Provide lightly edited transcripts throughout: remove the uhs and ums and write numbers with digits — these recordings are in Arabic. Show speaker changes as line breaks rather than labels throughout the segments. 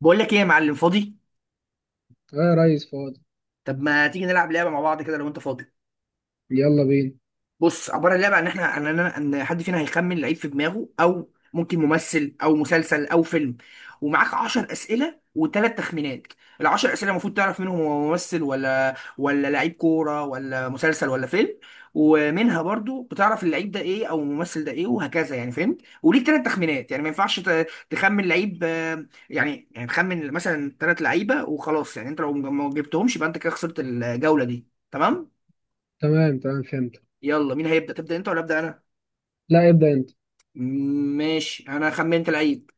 بقول لك ايه يا معلم فاضي.
اه يا ريس فاضي.
طب ما تيجي نلعب لعبه مع بعض كده لو انت فاضي.
يلا بينا.
بص عباره اللعبه عن احنا ان ان حد فينا هيخمن لعيب في دماغه او ممكن ممثل او مسلسل او فيلم. ومعاك 10 اسئله وثلاث تخمينات. العشر اسئله المفروض تعرف منهم هو ممثل ولا لعيب كوره ولا مسلسل ولا فيلم. ومنها برضو بتعرف اللعيب ده ايه او الممثل ده ايه وهكذا، يعني فهمت، وليك ثلاث تخمينات، يعني ما ينفعش تخمن لعيب يعني تخمن مثلا ثلاث لعيبه وخلاص، يعني انت لو ما جبتهمش يبقى انت كده خسرت الجوله دي، تمام.
تمام تمام فهمت.
يلا مين هيبدا، تبدا انت ولا ابدا انا؟
لا ابدأ انت.
ماشي انا خمنت العيب.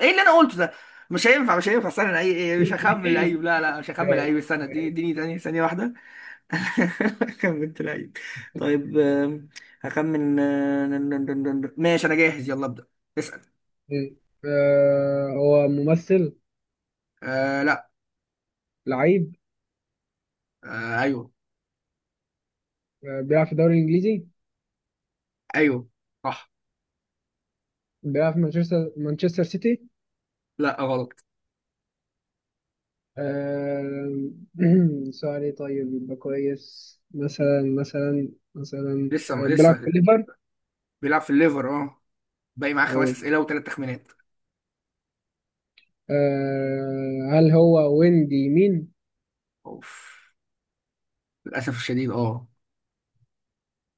ايه اللي انا قلته ده؟ مش هينفع، مش هينفع، استنى، العيب ايه، مش هخمن
ماشي
العيب، لا لا، مش هخمن العيب، استنى اديني
ماشي.
ثانية واحدة. خمنت العيب. طيب هخمن ماشي انا جاهز، يلا ابدأ اسأل.
آه هو ممثل.
آه لا.
لعيب.
آه ايوه.
آه بيلعب في الدوري الانجليزي.
ايوه. صح.
بيلعب في مانشستر سيتي.
لا غلط.
آه. سؤال ايه طيب يبقى كويس، مثلا
لسه
بيلعب في
لسه.
ليفر.
بيلعب في الليفر، اه. باقي معاه خمس
أو
اسئلة وثلاث تخمينات.
هل هو ويندي مين؟
اوف. للاسف الشديد، اه.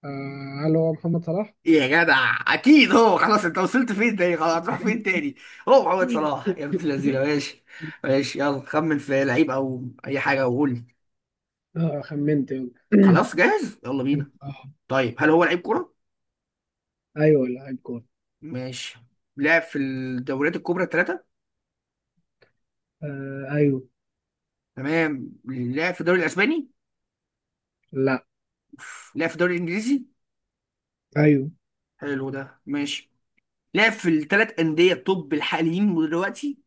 هل هو محمد صلاح؟
إيه يا جدع، اكيد هو، خلاص انت وصلت فين تاني، خلاص هتروح فين تاني. هو محمد صلاح يا ابن اللذينه، ماشي. ماشي يلا، خمن في لعيب او اي حاجه وقول لي.
خمنت، يلا.
خلاص جاهز، يلا بينا. طيب هل هو لعيب كوره؟
ايوه لاعب كورة.
ماشي. لعب في الدوريات الكبرى الثلاثه.
آه ايوه.
تمام. لعب في الدوري الاسباني.
لا.
أوف. لعب في الدوري الانجليزي.
ايوه.
حلو ده، ماشي. لعب في الثلاث انديه التوب الحاليين دلوقتي؟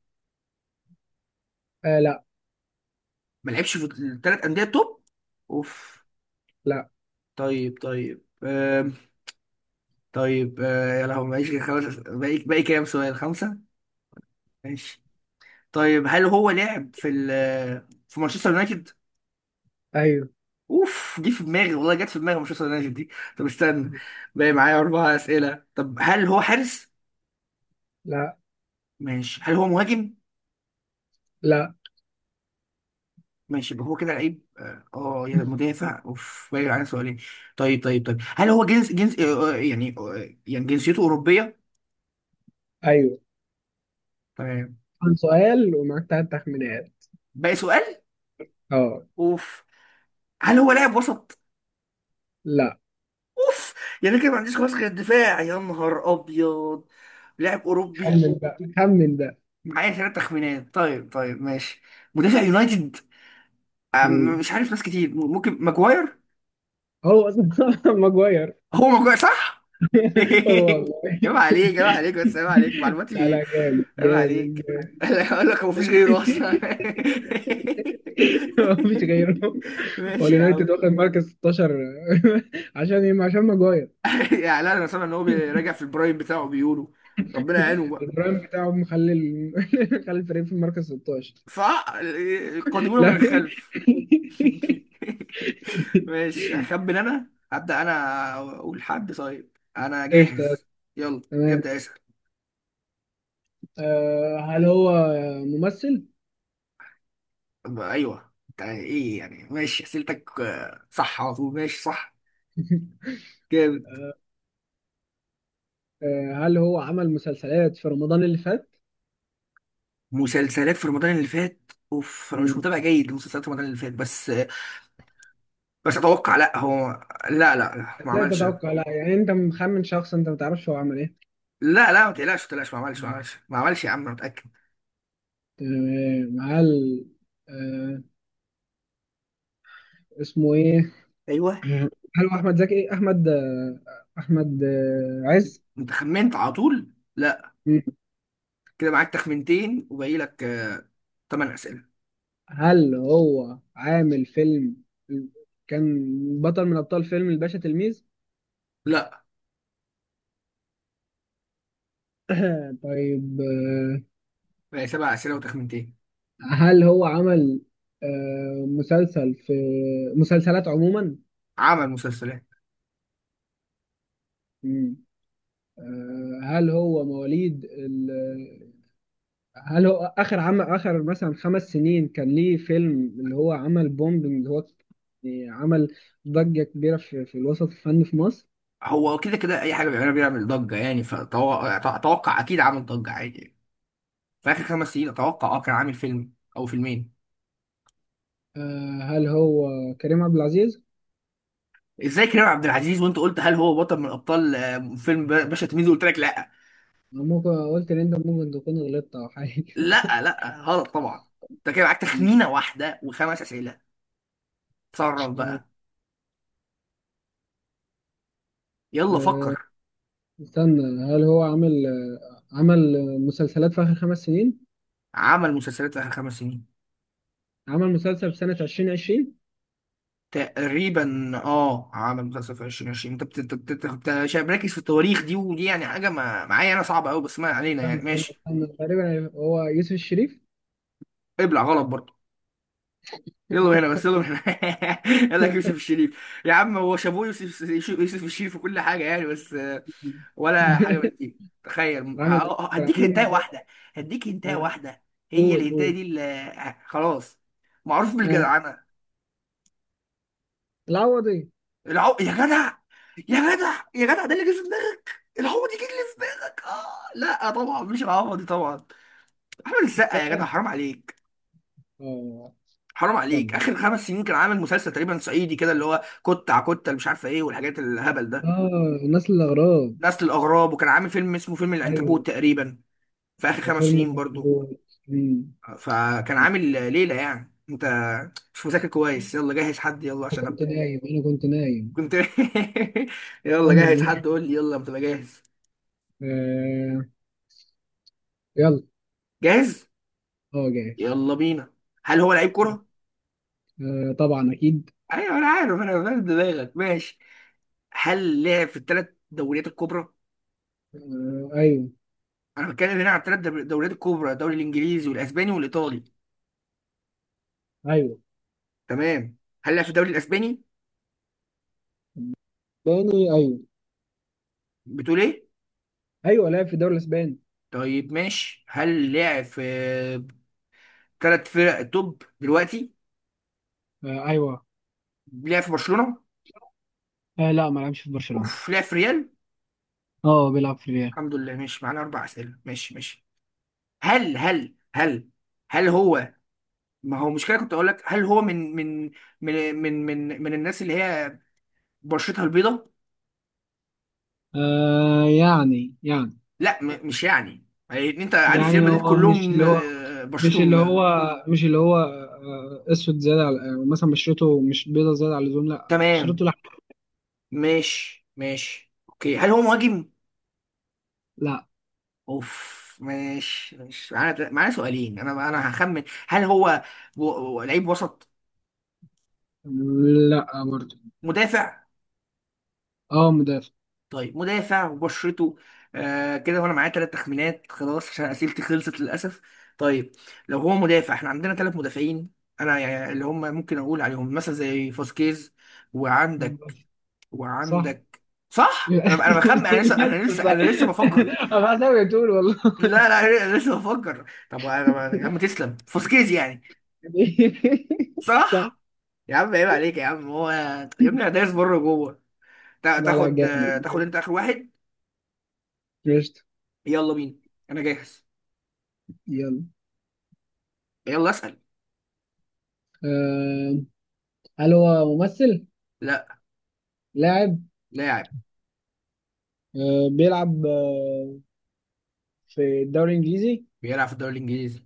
لا.
ما لعبش في الثلاث انديه التوب. اوف.
لا
طيب طيب. طيب يا لهوي، معيش غير خمس باقي كام سؤال، خمسة. ماشي. طيب هل هو لعب في في مانشستر يونايتد؟
ايوه.
اوف، دي في دماغي والله، جت في دماغي مانشستر يونايتد دي. طب استنى. باقي معايا أربع أسئلة. طب هل هو حارس؟
لا.
ماشي. هل هو مهاجم؟
لا
ماشي، يبقى هو كده لعيب اه يا مدافع. اوف، باقي معايا سؤالين. طيب طيب طيب، هل هو جنسيته أوروبية؟
ايوه.
تمام.
كان سؤال ومعاك تلات تخمينات.
باقي سؤال.
اه.
اوف. هل هو لاعب وسط؟
لا
اوف. يعني كده ما عنديش خلاص غير الدفاع، يا نهار ابيض. لاعب اوروبي.
خمن بقى، خمن ده.
معايا ثلاث تخمينات، طيب طيب ماشي. مدافع يونايتد.
مم.
مش عارف، ناس كتير، ممكن ماجواير.
هو اصلا ماجواير.
هو ماجواير، صح.
هو
عيب
والله.
عليك، عيب عليك، بس عيب عليك
لا
معلوماتي.
لا، جامد
عيب
جامد
عليك.
جامد.
اقول لك، هو مفيش غيره اصلا.
مفيش غيره. هو
ماشي يا
اليونايتد
عم.
واخد مركز 16. عشان ايه؟ عشان ماجواير.
يعني لا، انا سامع ان هو بيراجع في البرايم بتاعه بيقولوا، ربنا يعينه بقى.
البرايم بتاعه مخلي مخلي الفريق في المركز 16.
فقادمونا من
لا.
الخلف. ماشي، هخمن انا، هبدأ انا. اقول حد، طيب انا
قشطة.
جاهز. يلا
تمام.
ابدأ اسأل.
هل هو ممثل؟
طب ايوه انت ايه يعني، ماشي اسئلتك صح على طول، ماشي صح. جامد.
آه، هل هو عمل مسلسلات في رمضان اللي فات؟
مسلسلات في رمضان اللي فات، اوف، انا مش
مم.
متابع جيد لمسلسلات رمضان اللي فات، بس بس اتوقع لا، هو لا لا لا، ما
لا
عملش، لا.
تتوقع لا، يعني انت مخمن شخص انت ما تعرفش هو عمل ايه.
لا لا، ما تقلقش، ما تقلقش، ما عملش، يا عم انا متأكد.
تمام. هل آه، اسمه ايه؟
ايوه.
هل هو احمد زكي؟ احمد آه، احمد آه، عز؟
انت خمنت على طول، لا.
مم.
كده معاك تخمنتين وباقي لك 8 اسئله.
هل هو عامل فيلم، كان بطل من ابطال فيلم الباشا تلميذ؟
لا.
طيب
بقى سبع أسئلة وتخمينتين.
هل هو عمل آه، مسلسل في مسلسلات عموما؟
عمل مسلسلات.
مم. آه، هل هو مواليد ال... هل هو آخر عمل، آخر مثلا خمس سنين كان ليه فيلم اللي هو عمل بومب، اللي هو يعني عمل ضجة كبيرة في, في الوسط الفني في مصر؟
هو كده كده أي حاجة بيعملها بيعمل ضجة، يعني فأتوقع أكيد عامل ضجة عادي يعني. في آخر خمس سنين أتوقع أه كان عامل فيلم أو فيلمين.
هل هو كريم عبد العزيز؟
إزاي كريم عبد العزيز وأنت قلت هل هو بطل من أبطال فيلم باشا تلميذ، قلت لك لأ.
أنا ممكن قلت إن أنت ممكن تكون غلطت أو حاجة.
لأ لأ، غلط طبعا. أنت كده معاك تخمينة واحدة وخمس أسئلة. تصرف
آه،
بقى. يلا
آه،
فكر.
استنى. هل هو عمل مسلسلات في آخر خمس سنين؟
عمل مسلسلات في آخر خمس سنين.
عمل مسلسل في سنة 2020.
تقريبا اه، على مسلسل في 2020 انت مش مركز في التواريخ دي ودي، يعني حاجه ما معايا انا صعبه قوي، بس ما علينا
استنى
يعني،
استنى
ماشي.
استنى، تقريبا هو يوسف الشريف.
ابلع، غلط برضه. يلا من هنا بس، يلا من هنا. قال لك يوسف الشريف يا عم، هو شابوه يوسف. يوسف الشريف في كل حاجه يعني، بس ولا حاجه من دي، تخيل. آه،
عامل إيه؟
آه، أه،
كان
هديك
عامل
هنتايه
مسلسل.
واحده. هديك هنتايه
آه،
واحده. هي
قول
الهنتايه
قول.
دي اللي خلاص، معروف
آه.
بالجدعنه.
العوضي.
العو... يا جدع، يا جدع يا جدع، ده اللي جه في دماغك، العوض يجي اللي في دماغك، اه لا طبعا مش العوض دي طبعا. احمد السقا يا جدع،
السقا.
حرام عليك.
اه.
حرام عليك،
يلا.
اخر خمس سنين كان عامل مسلسل تقريبا صعيدي كده، اللي هو كت على كت، اللي مش عارفه ايه والحاجات الهبل ده،
اه. الناس الأغراب.
نسل الاغراب، وكان عامل فيلم اسمه فيلم
ايوه
العنكبوت تقريبا، في اخر خمس
وفيلم
سنين برضو.
الكبير. أمم.
فكان عامل ليله، يعني انت مش مذاكر كويس. يلا جهز حد، يلا
انا
عشان
كنت
ابدا.
نايم، انا كنت نايم.
كنت. يلا جهز حد قول لي يلا، ما تبقى جاهز.
آه. يلا.
جاهز.
اه جاهز.
يلا بينا. هل هو لعيب كرة؟
آه طبعا اكيد.
ايوه انا عارف، انا فاهم دماغك، ماشي. هل لعب في الثلاث دوريات الكبرى؟
آه ايوه.
انا بتكلم هنا عن الثلاث دوريات الكبرى، الدوري الانجليزي والاسباني والايطالي.
ايوه
تمام. هل لعب في الدوري الاسباني؟
اسباني ايوه.
بتقول ايه؟
ايوه لعب في الدوري الاسباني.
طيب ماشي. هل لعب في ثلاث فرق توب دلوقتي؟
آه ايوه.
لعب في برشلونة؟
آه لا ما لعبش في برشلونة.
اوف. لعب في ريال؟
اه بيلعب في ريال.
الحمد لله، ماشي معانا اربع اسئله، ماشي ماشي. هل هل هو، ما هو مشكله كنت اقول لك، هل هو من من الناس اللي هي بشرتها البيضة؟
آه يعني يعني.
لا مش يعني يعني، انت عارف ريال
يعني
مدريد
هو
كلهم
مش اللي
بشرتهم
هو مش اللي هو آه اسود زياده على، آه مثلا بشرته مش بيضه زياده على اللزوم، لا
تمام.
بشرته لا.
ماشي ماشي، اوكي. هل هو مهاجم؟
لا.
اوف، ماشي ماشي، معانا سؤالين. انا هخمن، هل هو لعيب وسط؟
لا برضه.
مدافع.
اه مدافع.
طيب، مدافع وبشرته كده، وانا معايا ثلاث تخمينات خلاص عشان اسئلتي خلصت للاسف. طيب، لو هو مدافع احنا عندنا ثلاث مدافعين انا، يعني اللي هم ممكن اقول عليهم مثلا زي فاسكيز، وعندك
صح.
وعندك صح، انا بخمن، انا لسه انا لسه
صح.
انا لسه بفكر.
انا حاسس بتقول والله.
لا لا، انا لسه بفكر. طب انا يا عم، تسلم فوسكيز يعني.
صح.
صح. يا عم عيب عليك يا عم، هو يا ابني انا دايس بره جوه.
لا لا
تاخد،
جامد
تاخد
جامد.
انت اخر واحد.
قشطة.
يلا بينا. انا جاهز.
يلا.
يلا اسال.
آه هل هو ممثل؟
لا.
لاعب.
لاعب.
آه، بيلعب آه، في الدوري الانجليزي.
بيلعب في الدوري الانجليزي.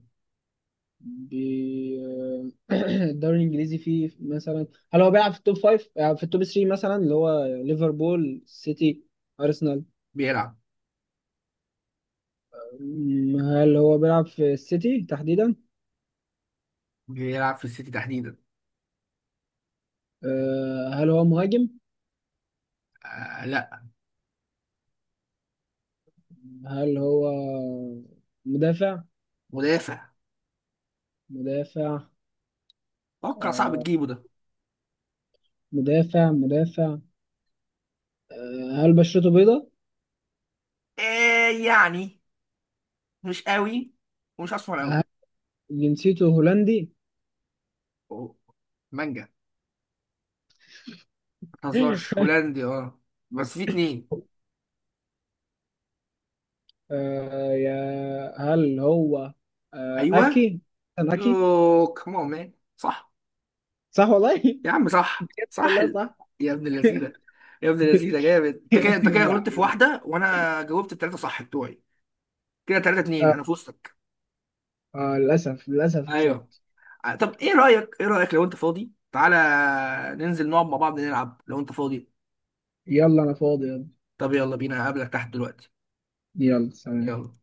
بي... آه، الدوري الانجليزي فيه مثلا، هل هو بيلعب في التوب فايف؟ في التوب 3 مثلا اللي هو ليفربول سيتي ارسنال.
بيلعب
م، هل هو بيلعب في السيتي تحديدا؟
بيلعب في السيتي تحديدا.
هل هو مهاجم؟
آه لا.
هل هو مدافع؟
مدافع.
مدافع.
اتوقع صعب
آه،
تجيبه ده.
مدافع. هل بشرته بيضاء؟
آه يعني، مش قوي ومش اسمر قوي.
هل جنسيته هولندي؟
أوه، مانجا. هزارش هولندي اه، بس في اتنين.
آه يا هل هو
ايوه.
أكي؟ كان أكي.
يو كمان مان، صح.
صح والله.
يا عم صح صح
لا صح.
يا ابن اللذينه. يا ابن اللذينه، جامد انت كده، انت كده
لا.
غلطت في واحده وانا جاوبت التلاته صح بتوعي. كده تلاته اتنين،
آه
انا في وسطك.
للأسف، للأسف
ايوه.
كسبت.
طب ايه رايك، ايه رايك لو انت فاضي تعالى ننزل نقعد مع بعض نلعب لو انت فاضي.
يلا أنا فاضي يلا.
طب يلا بينا، هقابلك تحت دلوقتي.
يلا سلام.
يلا.